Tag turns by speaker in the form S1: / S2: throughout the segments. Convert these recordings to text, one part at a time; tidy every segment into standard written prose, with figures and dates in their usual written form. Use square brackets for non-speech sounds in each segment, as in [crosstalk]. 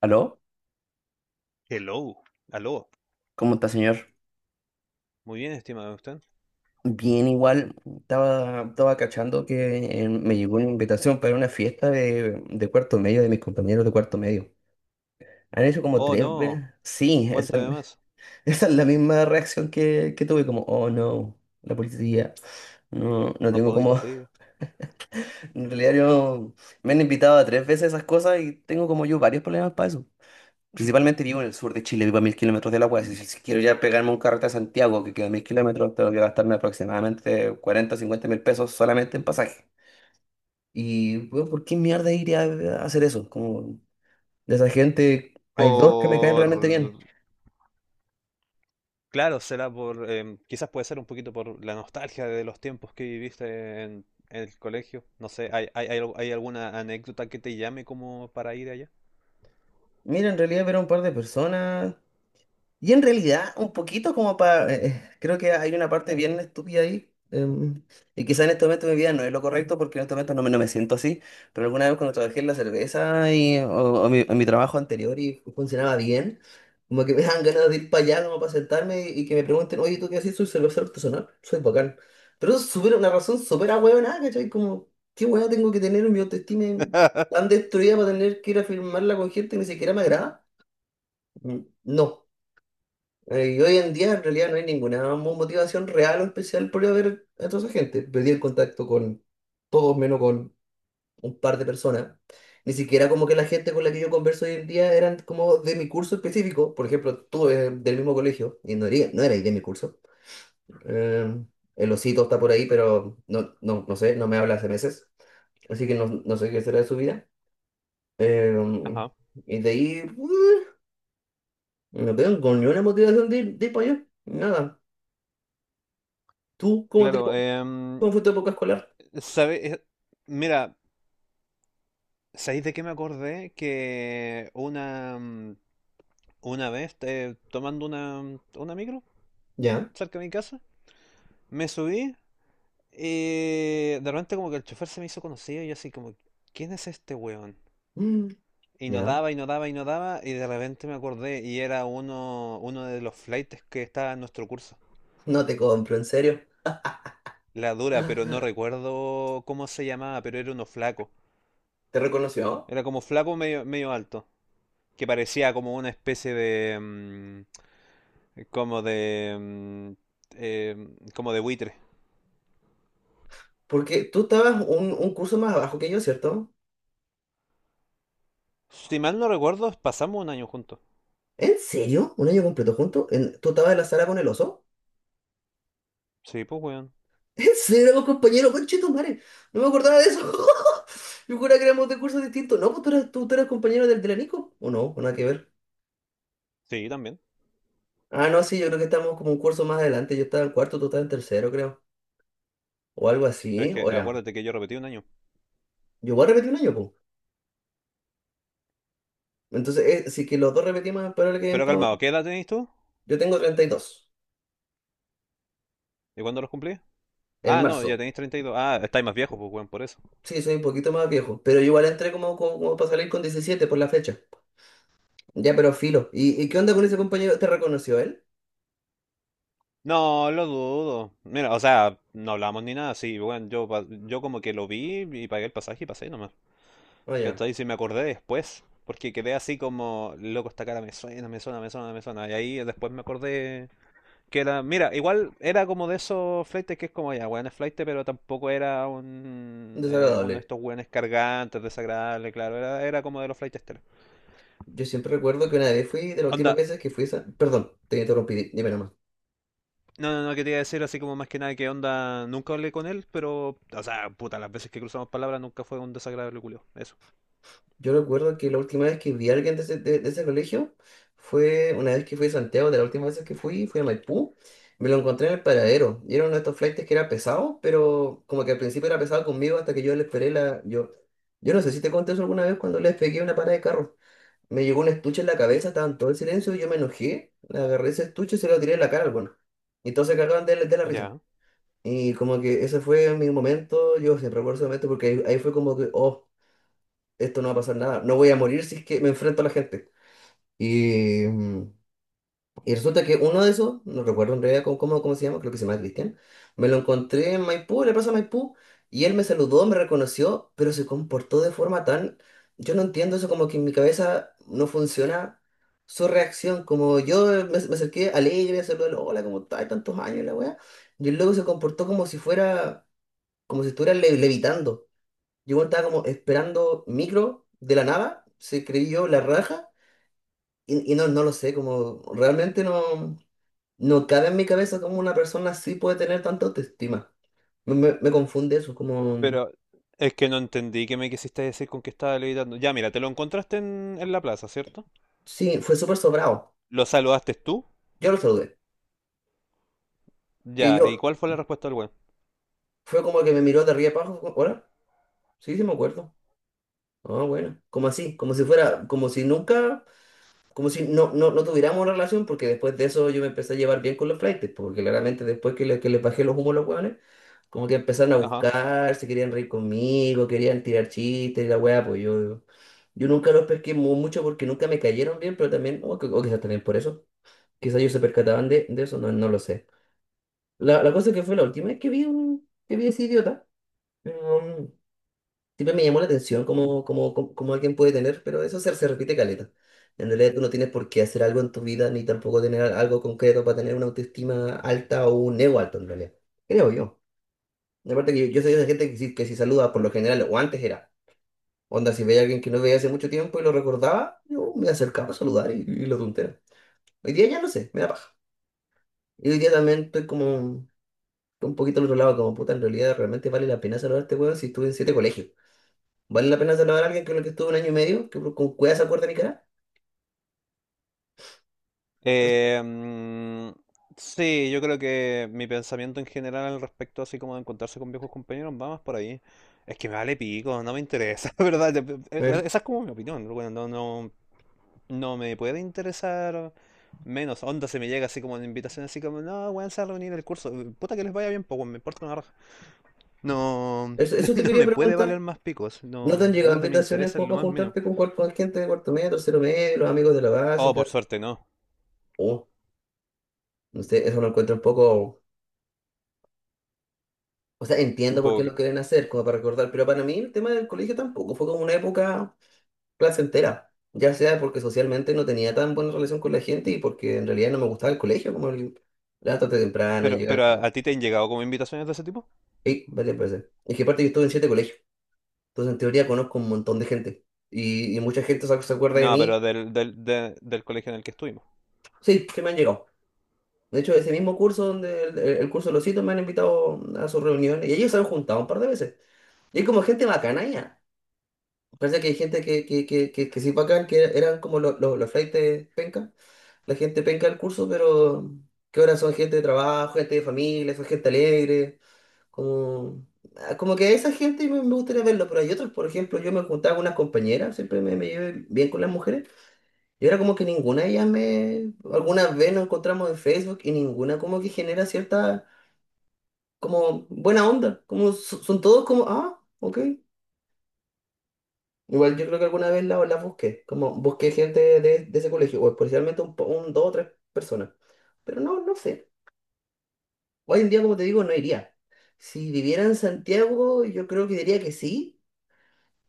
S1: ¿Aló?
S2: Hello, aló,
S1: ¿Cómo está, señor?
S2: muy bien, ¿está usted?
S1: Bien, igual. Estaba cachando que me llegó una invitación para una fiesta de cuarto medio, de mis compañeros de cuarto medio. Han hecho como
S2: Oh,
S1: tres veces.
S2: no,
S1: Sí,
S2: ¿cuánto
S1: esa,
S2: además?
S1: [laughs] esa es la misma reacción que tuve, como, oh no, la policía. No, no
S2: La
S1: tengo como.
S2: policía.
S1: [laughs] En realidad, yo me han invitado a tres veces esas cosas y tengo como yo varios problemas para eso. Principalmente vivo en el sur de Chile, vivo a mil kilómetros de la UAS. Si quiero ya pegarme un carrete a Santiago, que queda a mil kilómetros, tengo que gastarme aproximadamente 40, o 50 mil pesos solamente en pasaje. Y, bueno, ¿por qué mierda iría a hacer eso? Como de esa gente, hay dos que me caen
S2: Por...
S1: realmente bien.
S2: Claro, será por, quizás puede ser un poquito por la nostalgia de los tiempos que viviste en el colegio. No sé, ¿hay alguna anécdota que te llame como para ir allá?
S1: Mira, en realidad ver a un par de personas. Y en realidad, un poquito como para, creo que hay una parte bien estúpida ahí. Y quizá en este momento de mi vida no es lo correcto porque en este momento no me siento así. Pero alguna vez cuando trabajé en la cerveza o en mi trabajo anterior y funcionaba bien, como que me dan ganas de ir para allá como para sentarme y que me pregunten, oye, ¿tú qué haces? Soy cervecero artesanal, soy bacán. Pero eso es una razón súper ahueonada, ¿cachai? Como, ¿qué hueá tengo que tener en mi autoestima tan destruida para tener que ir a firmarla con gente que ni siquiera me agrada? Mm, No. Y hoy en día en realidad no hay ninguna motivación real o especial por ir a ver a toda esa gente. Perdí el contacto con todos menos con un par de personas. Ni siquiera como que la gente con la que yo converso hoy en día eran como de mi curso específico. Por ejemplo, tú eres del mismo colegio y no eres de mi curso. Eh, el osito está por ahí, pero no sé, no me habla hace meses. Así que no sé qué será de su vida. Eh,
S2: Ajá,
S1: y de ahí, no tengo con ninguna motivación de ir para allá. Nada. ¿Tú cómo te...
S2: claro.
S1: ¿Cómo fue poco escolar?
S2: ¿Sabe? Mira, ¿sabéis de qué me acordé? Una vez tomando una micro
S1: Ya.
S2: cerca de mi casa, me subí. De repente como que el chofer se me hizo conocido y yo así como, ¿quién es este weón?
S1: Mm,
S2: Y no
S1: ya,
S2: daba, y no daba, y no daba, y de repente me acordé y era uno de los flaites que estaba en nuestro curso.
S1: no te compro, en serio.
S2: La dura, pero no
S1: Ah,
S2: recuerdo cómo se llamaba, pero era uno flaco.
S1: ¿te reconoció?
S2: Era como flaco medio alto, que parecía como una especie de... como de... eh, como de buitre.
S1: Porque tú estabas un curso más abajo que yo, ¿cierto?
S2: Si mal no recuerdo, pasamos un año juntos.
S1: ¿En serio? ¿Un año completo juntos? ¿En- ¿Tú estabas en la sala con el oso?
S2: Sí, pues weón.
S1: ¿En serio, éramos compañeros? ¡Conchetumare! No me acordaba de eso. [laughs] Yo juraba que éramos de cursos distintos. No, pues tú eras, tú eras compañero del la. ¿O no? ¿O nada que ver?
S2: Sí, también.
S1: Ah, no, sí, yo creo que estábamos como un curso más adelante. Yo estaba en cuarto, tú estabas en tercero, creo. O algo
S2: Pero es
S1: así. O
S2: que
S1: era...
S2: acuérdate que yo repetí un año.
S1: Yo voy a repetir un año, pues. Entonces, si que los dos repetimos, pero el que
S2: Pero calmado, ¿qué edad tenéis tú?
S1: yo tengo 32
S2: ¿Y cuándo los cumplís?
S1: en
S2: Ah, no, ya
S1: marzo.
S2: tenéis 32. Ah, estáis más viejos, pues, weón, por eso.
S1: Sí, soy un poquito más viejo, pero yo igual entré como para salir con 17 por la fecha. Ya, pero filo. Y qué onda con ese compañero? ¿Te reconoció él?
S2: No, lo dudo. Mira, o sea, no hablamos ni nada, sí, weón. Yo, yo como que lo vi y pagué el pasaje y pasé nomás.
S1: Oye,
S2: ¿Cachai? Si me acordé después. Porque quedé así como, loco, esta cara me suena. Y ahí después me acordé que era. Mira, igual era como de esos flaites que es como, ya, weón, es flaite, pero tampoco era uno
S1: desagradable.
S2: de estos weones cargantes, desagradables, claro. Era como de los flaites telos.
S1: Yo siempre recuerdo que una vez fui, de las últimas
S2: Onda,
S1: veces que fui, a perdón, te interrumpí, dime nomás.
S2: No, no, no quería decir así como más que nada que onda, nunca hablé con él, pero, o sea, puta, las veces que cruzamos palabras nunca fue un desagradable culio. Eso.
S1: Yo recuerdo que la última vez que vi a alguien de de ese colegio fue una vez que fui a Santiago, de la última vez que fui, fui a Maipú, me lo encontré en el paradero. Y era uno de estos flaites que era pesado, pero como que al principio era pesado conmigo hasta que yo le esperé la... Yo no sé si te conté eso alguna vez cuando les pegué una parada de carro. Me llegó un estuche en la cabeza, estaba en todo el silencio, y yo me enojé, le agarré ese estuche y se lo tiré en la cara al bueno. Y todos se cagaban de la risa.
S2: Ya.
S1: Y como que ese fue mi momento, yo siempre recuerdo ese momento porque ahí fue como que, oh, esto no va a pasar nada, no voy a morir si es que me enfrento a la gente. Y, y resulta que uno de esos, no recuerdo en realidad cómo se llama, creo que se llama Cristian, me lo encontré en Maipú, en la plaza Maipú, y él me saludó, me reconoció, pero se comportó de forma tan, yo no entiendo eso, como que en mi cabeza no funciona su reacción, como yo me acerqué alegre, saludé, hola, ¿cómo estás? Tantos años, la weá, y el loco se comportó como si fuera, como si estuviera levitando. Yo bueno, estaba como esperando micro de la nada, se creyó la raja, y no, no lo sé, como realmente no, no cabe en mi cabeza cómo una persona así puede tener tanta autoestima. Me confunde eso, como,
S2: Pero es que no entendí qué me quisiste decir con que estaba levitando. Ya, mira, te lo encontraste en la plaza, ¿cierto?
S1: sí, fue súper sobrado.
S2: ¿Lo saludaste tú?
S1: Yo lo saludé, que
S2: Ya, ¿y
S1: yo,
S2: cuál fue la respuesta del weón?
S1: fue como que me miró de arriba abajo, como, hola, sí, sí me acuerdo. Ah, bueno, como así, como si fuera, como si nunca, como si no tuviéramos una relación, porque después de eso yo me empecé a llevar bien con los flaites, porque claramente después que les bajé los humos a los hueones, como que empezaron a
S2: Ajá.
S1: buscar, se querían reír conmigo, querían tirar chistes y la weá, pues yo nunca los pesqué mucho porque nunca me cayeron bien, pero también, o quizás también por eso, quizás ellos se percataban de eso, no lo sé. La cosa es que fue la última vez que vi a ese idiota. Siempre me llamó la atención cómo alguien puede tener, pero se repite caleta. En realidad tú no tienes por qué hacer algo en tu vida, ni tampoco tener algo concreto para tener una autoestima alta o un ego alto en realidad. Creo yo. Aparte que yo soy de esa gente que si saluda por lo general, o antes era, onda, si veía a alguien que no veía hace mucho tiempo y lo recordaba, yo me acercaba a saludar y lo tontero. Hoy día ya no sé, me da paja. Y hoy día también estoy como un poquito al otro lado, como puta, en realidad realmente vale la pena saludar a este weón si estuve en siete colegios. ¿Vale la pena salvar a alguien con el que estuve un año y medio? ¿Que con cuidado se acuerda de mi cara?
S2: Eh, mm, sí, yo creo que mi pensamiento en general al respecto, así como de encontrarse con viejos compañeros, va más por ahí. Es que me vale pico, no me interesa, [laughs] ¿verdad?
S1: Eh,
S2: Esa es como mi opinión, bueno, no me puede interesar menos. Onda se me llega así como una invitación, así como, no, weón, se va a reunir el curso. Puta que les vaya bien, pues, weón, me importa una raja. No, [laughs]
S1: Eso, eso te
S2: no
S1: quería
S2: me puede valer
S1: preguntar.
S2: más picos.
S1: ¿No te
S2: No,
S1: han
S2: no
S1: llegado
S2: es de mi
S1: invitaciones
S2: interés en
S1: como
S2: lo
S1: para
S2: más mínimo.
S1: juntarte con, con gente de cuarto medio, tercero medio, los amigos de la
S2: Oh,
S1: básica?
S2: por suerte, no.
S1: Oh, no sé, eso lo encuentro un poco... O sea,
S2: Un
S1: entiendo por
S2: poco
S1: qué lo
S2: que.
S1: quieren hacer, como para recordar, pero para mí el tema del colegio tampoco fue como una época placentera. Ya sea porque socialmente no tenía tan buena relación con la gente y porque en realidad no me gustaba el colegio, como el levantarte temprano,
S2: Pero,
S1: llegar
S2: pero
S1: tarde.
S2: a ti te han llegado como invitaciones de ese tipo?
S1: Y, vale, parece. Es que aparte yo estuve en siete colegios. Entonces, en teoría, conozco un montón de gente. Y mucha gente se acuerda de
S2: No, pero
S1: mí.
S2: del colegio en el que estuvimos.
S1: Sí, que me han llegado. De hecho, ese mismo curso donde el curso de los hitos me han invitado a sus reuniones. Y ellos se han juntado un par de veces. Y hay como gente bacana ya. Parece que hay gente que sí bacán, eran como los flaites penca. La gente penca del curso, pero que ahora son gente de trabajo, gente de familia, son gente alegre. Como, ah, como que a esa gente me gustaría verlo. Pero hay otros, por ejemplo, yo me juntaba con unas compañeras. Siempre me llevé bien con las mujeres. Y era como que ninguna de ellas me... Algunas veces nos encontramos en Facebook y ninguna como que genera cierta como buena onda. Como son todos como, ah, ok. Igual yo creo que alguna vez las busqué. Como busqué gente de ese colegio. O especialmente dos o tres personas. Pero no, no sé. Hoy en día, como te digo, no iría. Si viviera en Santiago, yo creo que diría que sí.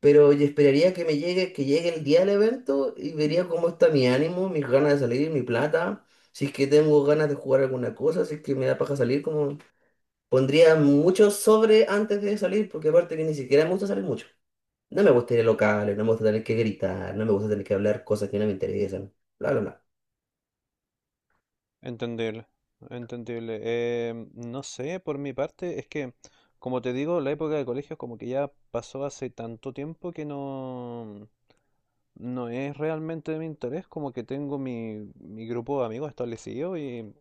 S1: Pero yo esperaría que me llegue, que llegue el día del evento y vería cómo está mi ánimo, mis ganas de salir, mi plata, si es que tengo ganas de jugar alguna cosa, si es que me da paja salir, como pondría mucho sobre antes de salir, porque aparte que ni siquiera me gusta salir mucho. No me gusta ir a locales, no me gusta tener que gritar, no me gusta tener que hablar cosas que no me interesan, bla, bla, bla.
S2: Entendible, entendible. No sé, por mi parte, es que, como te digo, la época de colegio como que ya pasó hace tanto tiempo que no... No es realmente de mi interés, como que tengo mi grupo de amigos establecido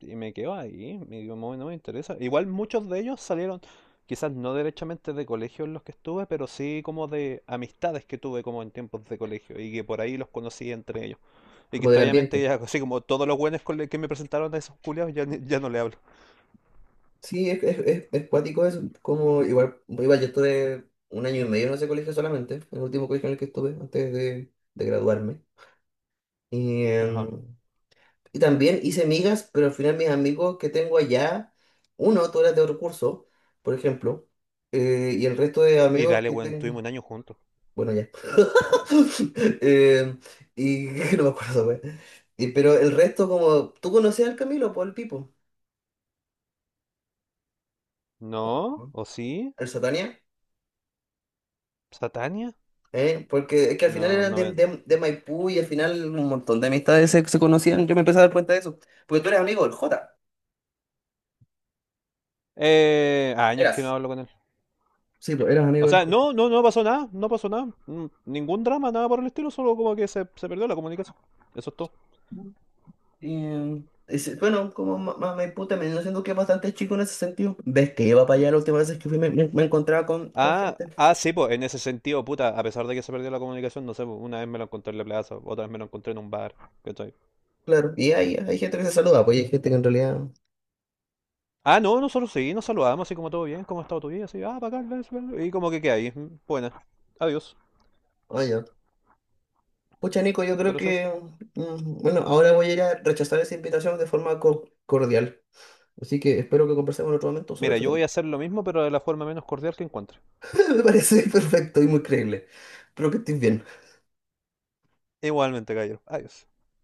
S2: y me quedo ahí, me- no, me no me interesa. Igual muchos de ellos salieron, quizás no derechamente de colegios en los que estuve, pero sí como de amistades que tuve como en tiempos de colegio y que por ahí los conocí entre ellos. Y que
S1: Como del
S2: extrañamente
S1: ambiente.
S2: ya, [laughs] así como todos los buenos con los que me presentaron a esos culiados, ya, ya no le hablo.
S1: Sí, es cuático eso. Como igual, igual yo estuve un año y medio en ese colegio solamente, el último colegio en el que estuve antes de graduarme. Y,
S2: Ajá.
S1: y también hice migas, pero al final mis amigos que tengo allá, uno, tú eras de otro curso, por ejemplo, y el resto de
S2: Y
S1: amigos
S2: dale,
S1: que
S2: bueno,
S1: tengo,
S2: estuvimos un año juntos.
S1: bueno, ya. [laughs] Em, y [laughs] no me acuerdo, güey. Y, pero el resto, como, tú conocías al Camilo, por el Pipo.
S2: ¿No?
S1: Ajá.
S2: ¿O sí?
S1: El Satania,
S2: ¿Satania?
S1: ¿eh? Porque es que al final
S2: No,
S1: eran
S2: no me...
S1: de Maipú y al final un montón de amistades se conocían. Yo me empecé a dar cuenta de eso, porque tú eres amigo del Jota,
S2: Años que no
S1: eras.
S2: hablo con él.
S1: Sí, pues eras amigo
S2: O
S1: del
S2: sea,
S1: Jota.
S2: no pasó nada, no pasó nada. Mm, ningún drama, nada por el estilo, solo como que se perdió la comunicación. Eso es todo.
S1: Y, bueno, como Maipú también, yo siento que es bastante chico en ese sentido. Ves que iba para allá la última vez que fui, me encontraba con
S2: Ah,
S1: gente.
S2: ah, sí, pues en ese sentido, puta, a pesar de que se perdió la comunicación, no sé, pues, una vez me lo encontré en la plaza, otra vez me lo encontré en un bar, ¿cachai?
S1: Claro, y hay gente que se saluda, pues y hay gente que en realidad.
S2: Ah, no, nosotros sí, nos saludamos, así como todo bien, ¿cómo ha estado tu vida? Así, ah, bacán, eso, y como que queda ahí, mm, buena, adiós,
S1: Oye, pucha, Nico, yo creo
S2: pero es eso.
S1: que. Mm, bueno, ahora voy a ir a rechazar esa invitación de forma cordial. Así que espero que conversemos en otro momento sobre
S2: Mira,
S1: este
S2: yo
S1: tema.
S2: voy a hacer lo mismo, pero de la forma menos cordial que encuentre.
S1: [laughs] Me parece perfecto y muy creíble. Espero que estés bien.
S2: Igualmente, Gallo, adiós.